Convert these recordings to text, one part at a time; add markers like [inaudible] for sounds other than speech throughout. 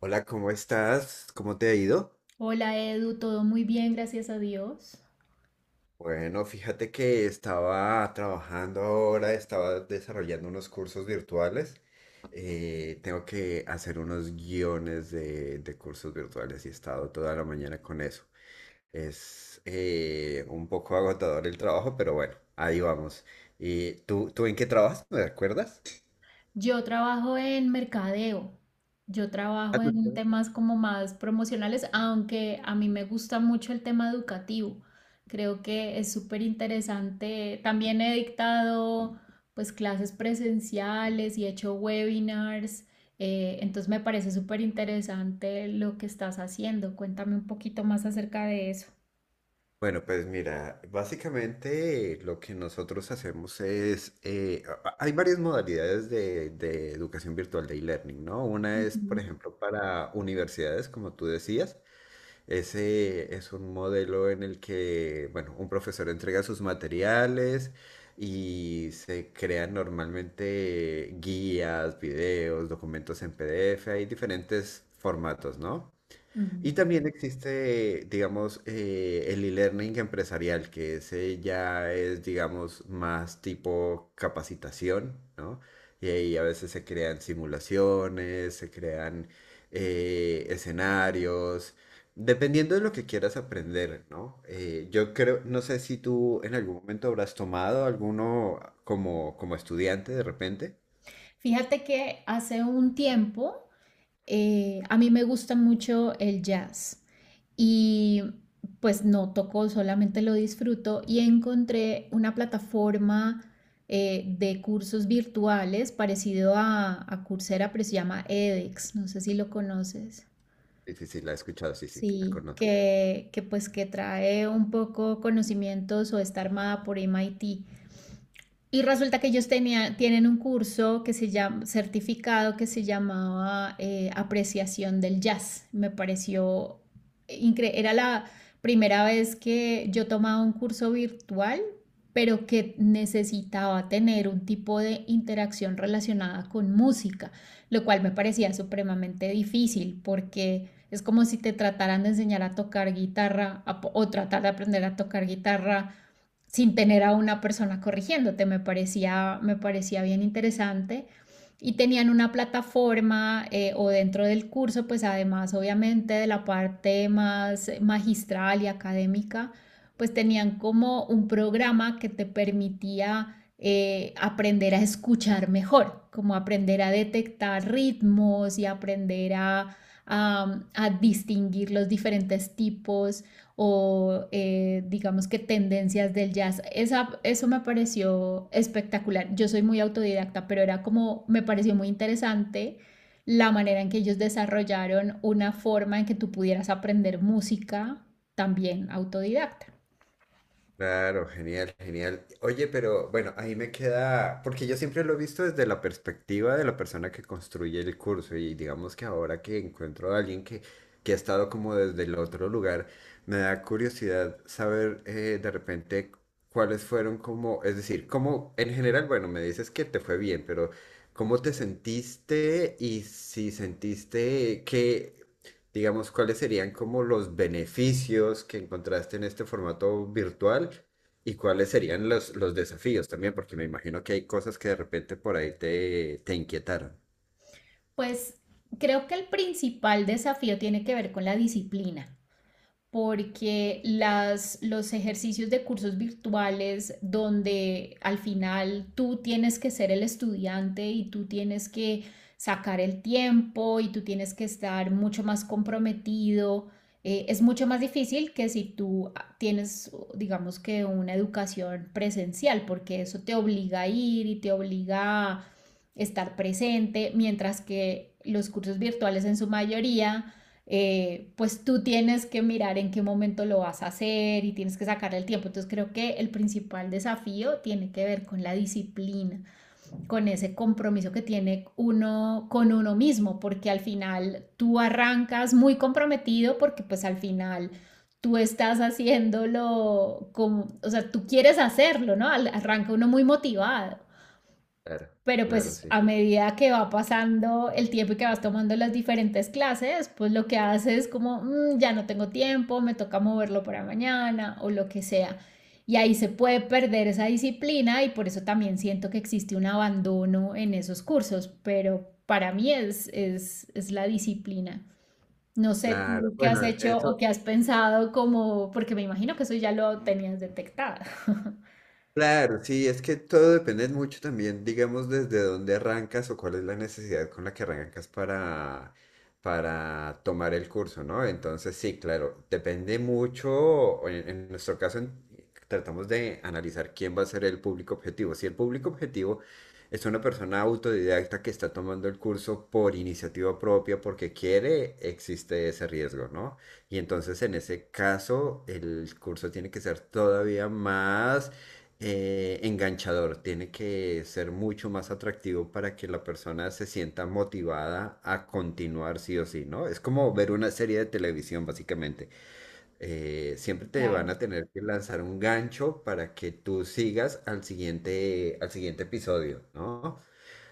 Hola, ¿cómo estás? ¿Cómo te ha ido? Hola Edu, todo muy bien, gracias a Dios. Bueno, fíjate que estaba trabajando ahora, estaba desarrollando unos cursos virtuales. Tengo que hacer unos guiones de cursos virtuales y he estado toda la mañana con eso. Es un poco agotador el trabajo, pero bueno, ahí vamos. ¿Y tú en qué trabajas? ¿Me recuerdas? Yo trabajo en mercadeo, yo trabajo en temas como más promocionales, aunque a mí me gusta mucho el tema educativo. Creo que es súper interesante. También he dictado pues clases presenciales y he hecho webinars. Entonces me parece súper interesante lo que estás haciendo. Cuéntame un poquito más acerca de eso. Bueno, pues mira, básicamente lo que nosotros hacemos es, hay varias modalidades de educación virtual de e-learning, ¿no? Una es, Ujú, por ejemplo, para universidades, como tú decías, ese es un modelo en el que, bueno, un profesor entrega sus materiales y se crean normalmente guías, videos, documentos en PDF, hay diferentes formatos, ¿no? ujú. Y también existe, digamos, el e-learning empresarial, que ese ya es, digamos, más tipo capacitación, ¿no? Y ahí a veces se crean simulaciones, se crean escenarios, dependiendo de lo que quieras aprender, ¿no? Yo creo, no sé si tú en algún momento habrás tomado alguno como, como estudiante de repente. Fíjate que hace un tiempo. A mí me gusta mucho el jazz y pues no toco, solamente lo disfruto y encontré una plataforma, de cursos virtuales parecido a Coursera, pero se llama edX, no sé si lo conoces. Sí, sí, sí, la he escuchado, sí, sí, la Sí, conozco. Que pues que trae un poco conocimientos o está armada por MIT. Y resulta que tienen un curso que se llama, certificado que se llamaba, Apreciación del Jazz. Me pareció increíble. Era la primera vez que yo tomaba un curso virtual, pero que necesitaba tener un tipo de interacción relacionada con música, lo cual me parecía supremamente difícil porque es como si te trataran de enseñar a tocar guitarra a o tratar de aprender a tocar guitarra sin tener a una persona corrigiéndote. Me parecía bien interesante. Y tenían una plataforma, o dentro del curso, pues además obviamente de la parte más magistral y académica, pues tenían como un programa que te permitía, aprender a escuchar mejor, como aprender a detectar ritmos y aprender a distinguir los diferentes tipos o, digamos que tendencias del jazz. Eso me pareció espectacular. Yo soy muy autodidacta, pero era como, me pareció muy interesante la manera en que ellos desarrollaron una forma en que tú pudieras aprender música también autodidacta. Claro, genial, genial. Oye, pero bueno, ahí me queda, porque yo siempre lo he visto desde la perspectiva de la persona que construye el curso y digamos que ahora que encuentro a alguien que ha estado como desde el otro lugar, me da curiosidad saber de repente cuáles fueron como, es decir, cómo en general, bueno, me dices que te fue bien, pero ¿cómo te sentiste y si sentiste que digamos, cuáles serían como los beneficios que encontraste en este formato virtual y cuáles serían los desafíos también, porque me imagino que hay cosas que de repente por ahí te inquietaron. Pues creo que el principal desafío tiene que ver con la disciplina. Porque los ejercicios de cursos virtuales donde al final tú tienes que ser el estudiante y tú tienes que sacar el tiempo y tú tienes que estar mucho más comprometido, es mucho más difícil que si tú tienes, digamos que una educación presencial, porque eso te obliga a ir y te obliga a estar presente, mientras que los cursos virtuales en su mayoría, pues tú tienes que mirar en qué momento lo vas a hacer y tienes que sacarle el tiempo. Entonces creo que el principal desafío tiene que ver con la disciplina, con ese compromiso que tiene uno con uno mismo, porque al final tú arrancas muy comprometido porque pues al final tú estás haciéndolo como, o sea, tú quieres hacerlo, ¿no? Arranca uno muy motivado, Claro, pero claro, pues sí. a medida que va pasando el tiempo y que vas tomando las diferentes clases, pues lo que haces es como, "Mm, ya no tengo tiempo, me toca moverlo para mañana o lo que sea". Y ahí se puede perder esa disciplina y por eso también siento que existe un abandono en esos cursos, pero para mí es la disciplina. No sé Claro, tú qué has bueno, hecho eso, o qué has pensado como, porque me imagino que eso ya lo tenías detectado. [laughs] claro, sí, es que todo depende mucho también, digamos, desde dónde arrancas o cuál es la necesidad con la que arrancas para tomar el curso, ¿no? Entonces, sí, claro, depende mucho, o en nuestro caso en- tratamos de analizar quién va a ser el público objetivo. Si el público objetivo es una persona autodidacta que está tomando el curso por iniciativa propia, porque quiere, existe ese riesgo, ¿no? Y entonces, en ese caso, el curso tiene que ser todavía más enganchador, tiene que ser mucho más atractivo para que la persona se sienta motivada a continuar sí o sí, ¿no? Es como ver una serie de televisión, básicamente. Siempre te van Claro, a tener que lanzar un gancho para que tú sigas al siguiente episodio, ¿no?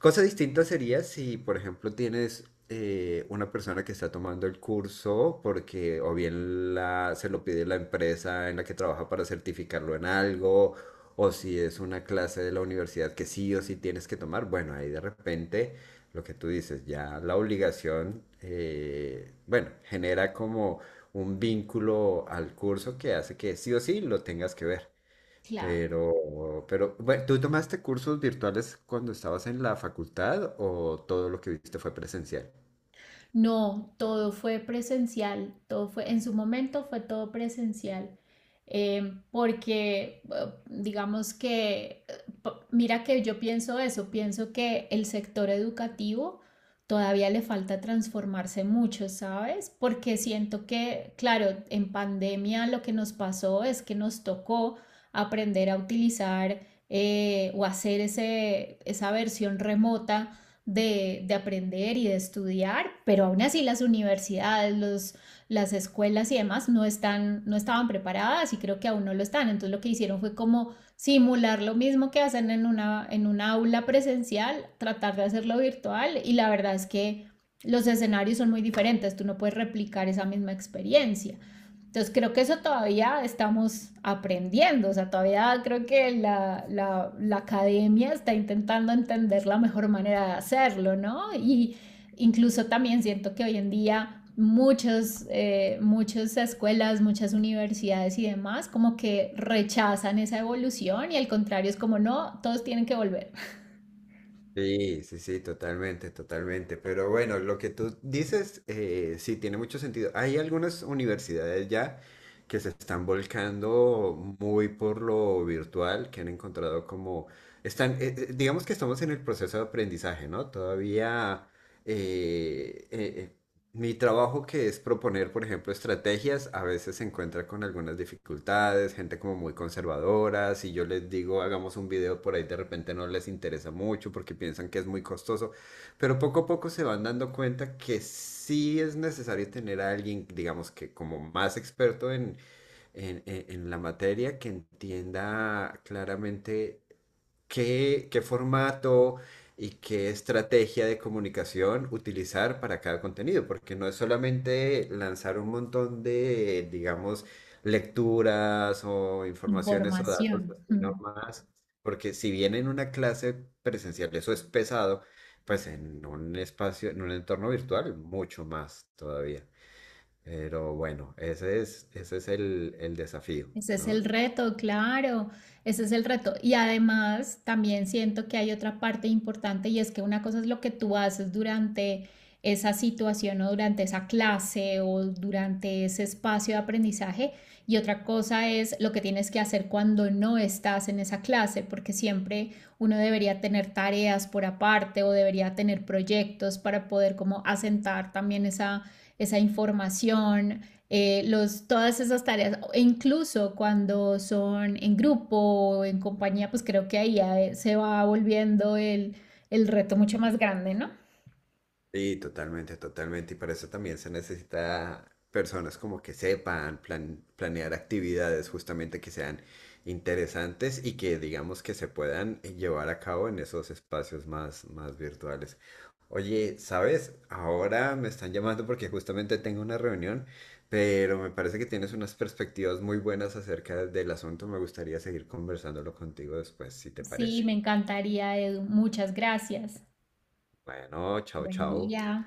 Cosa distinta sería si, por ejemplo, tienes una persona que está tomando el curso porque o bien la, se lo pide la empresa en la que trabaja para certificarlo en algo, o si es una clase de la universidad que sí o sí tienes que tomar. Bueno, ahí de repente lo que tú dices, ya la obligación, bueno, genera como un vínculo al curso que hace que sí o sí lo tengas que ver. claro. Bueno, ¿tú tomaste cursos virtuales cuando estabas en la facultad o todo lo que viste fue presencial? No, todo fue presencial, en su momento fue todo presencial, porque digamos mira que yo pienso eso, pienso que el sector educativo todavía le falta transformarse mucho, ¿sabes? Porque siento que, claro, en pandemia lo que nos pasó es que nos tocó aprender a utilizar, o hacer esa versión remota aprender y de estudiar, pero aún así las universidades, los, las escuelas y demás no, no estaban preparadas y creo que aún no lo están. Entonces lo que hicieron fue como simular lo mismo que hacen en una aula presencial, tratar de hacerlo virtual y la verdad es que los escenarios son muy diferentes, tú no puedes replicar esa misma experiencia. Entonces creo que eso todavía estamos aprendiendo, o sea, todavía creo que la academia está intentando entender la mejor manera de hacerlo, ¿no? Y incluso también siento que hoy en día muchos, muchas escuelas, muchas universidades y demás como que rechazan esa evolución y al contrario es como, no, todos tienen que volver. Sí, sí, sí, totalmente, totalmente. Pero bueno, lo que tú dices, sí, tiene mucho sentido. Hay algunas universidades ya que se están volcando muy por lo virtual, que han encontrado como, están, digamos que estamos en el proceso de aprendizaje, ¿no? Todavía, eh, eh, eh, mi trabajo que es proponer, por ejemplo, estrategias, a veces se encuentra con algunas dificultades, gente como muy conservadora, si yo les digo hagamos un video por ahí de repente no les interesa mucho porque piensan que es muy costoso, pero poco a poco se van dando cuenta que sí es necesario tener a alguien, digamos que como más experto en, en la materia, que entienda claramente qué formato y qué estrategia de comunicación utilizar para cada contenido, porque no es solamente lanzar un montón de, digamos, lecturas o informaciones o datos Información. así Mm. nomás, porque si bien en una clase presencial eso es pesado, pues en un espacio, en un entorno virtual, mucho más todavía. Pero bueno, ese es el desafío, Ese es ¿no? el reto, claro, ese es el reto. Y además también siento que hay otra parte importante y es que una cosa es lo que tú haces durante esa situación o durante esa clase o durante ese espacio de aprendizaje y otra cosa es lo que tienes que hacer cuando no estás en esa clase, porque siempre uno debería tener tareas por aparte o debería tener proyectos para poder como asentar también esa información, todas esas tareas, e incluso cuando son en grupo o en compañía, pues creo que ahí ya, se va volviendo el reto mucho más grande, ¿no? Sí, totalmente, totalmente. Y para eso también se necesita personas como que sepan planear actividades justamente que sean interesantes y que digamos que se puedan llevar a cabo en esos espacios más, más virtuales. Oye, ¿sabes? Ahora me están llamando porque justamente tengo una reunión, pero me parece que tienes unas perspectivas muy buenas acerca del asunto. Me gustaría seguir conversándolo contigo después, si te Sí, parece. me encantaría, Edu. Muchas gracias. Bueno, chao, Buen chao. día.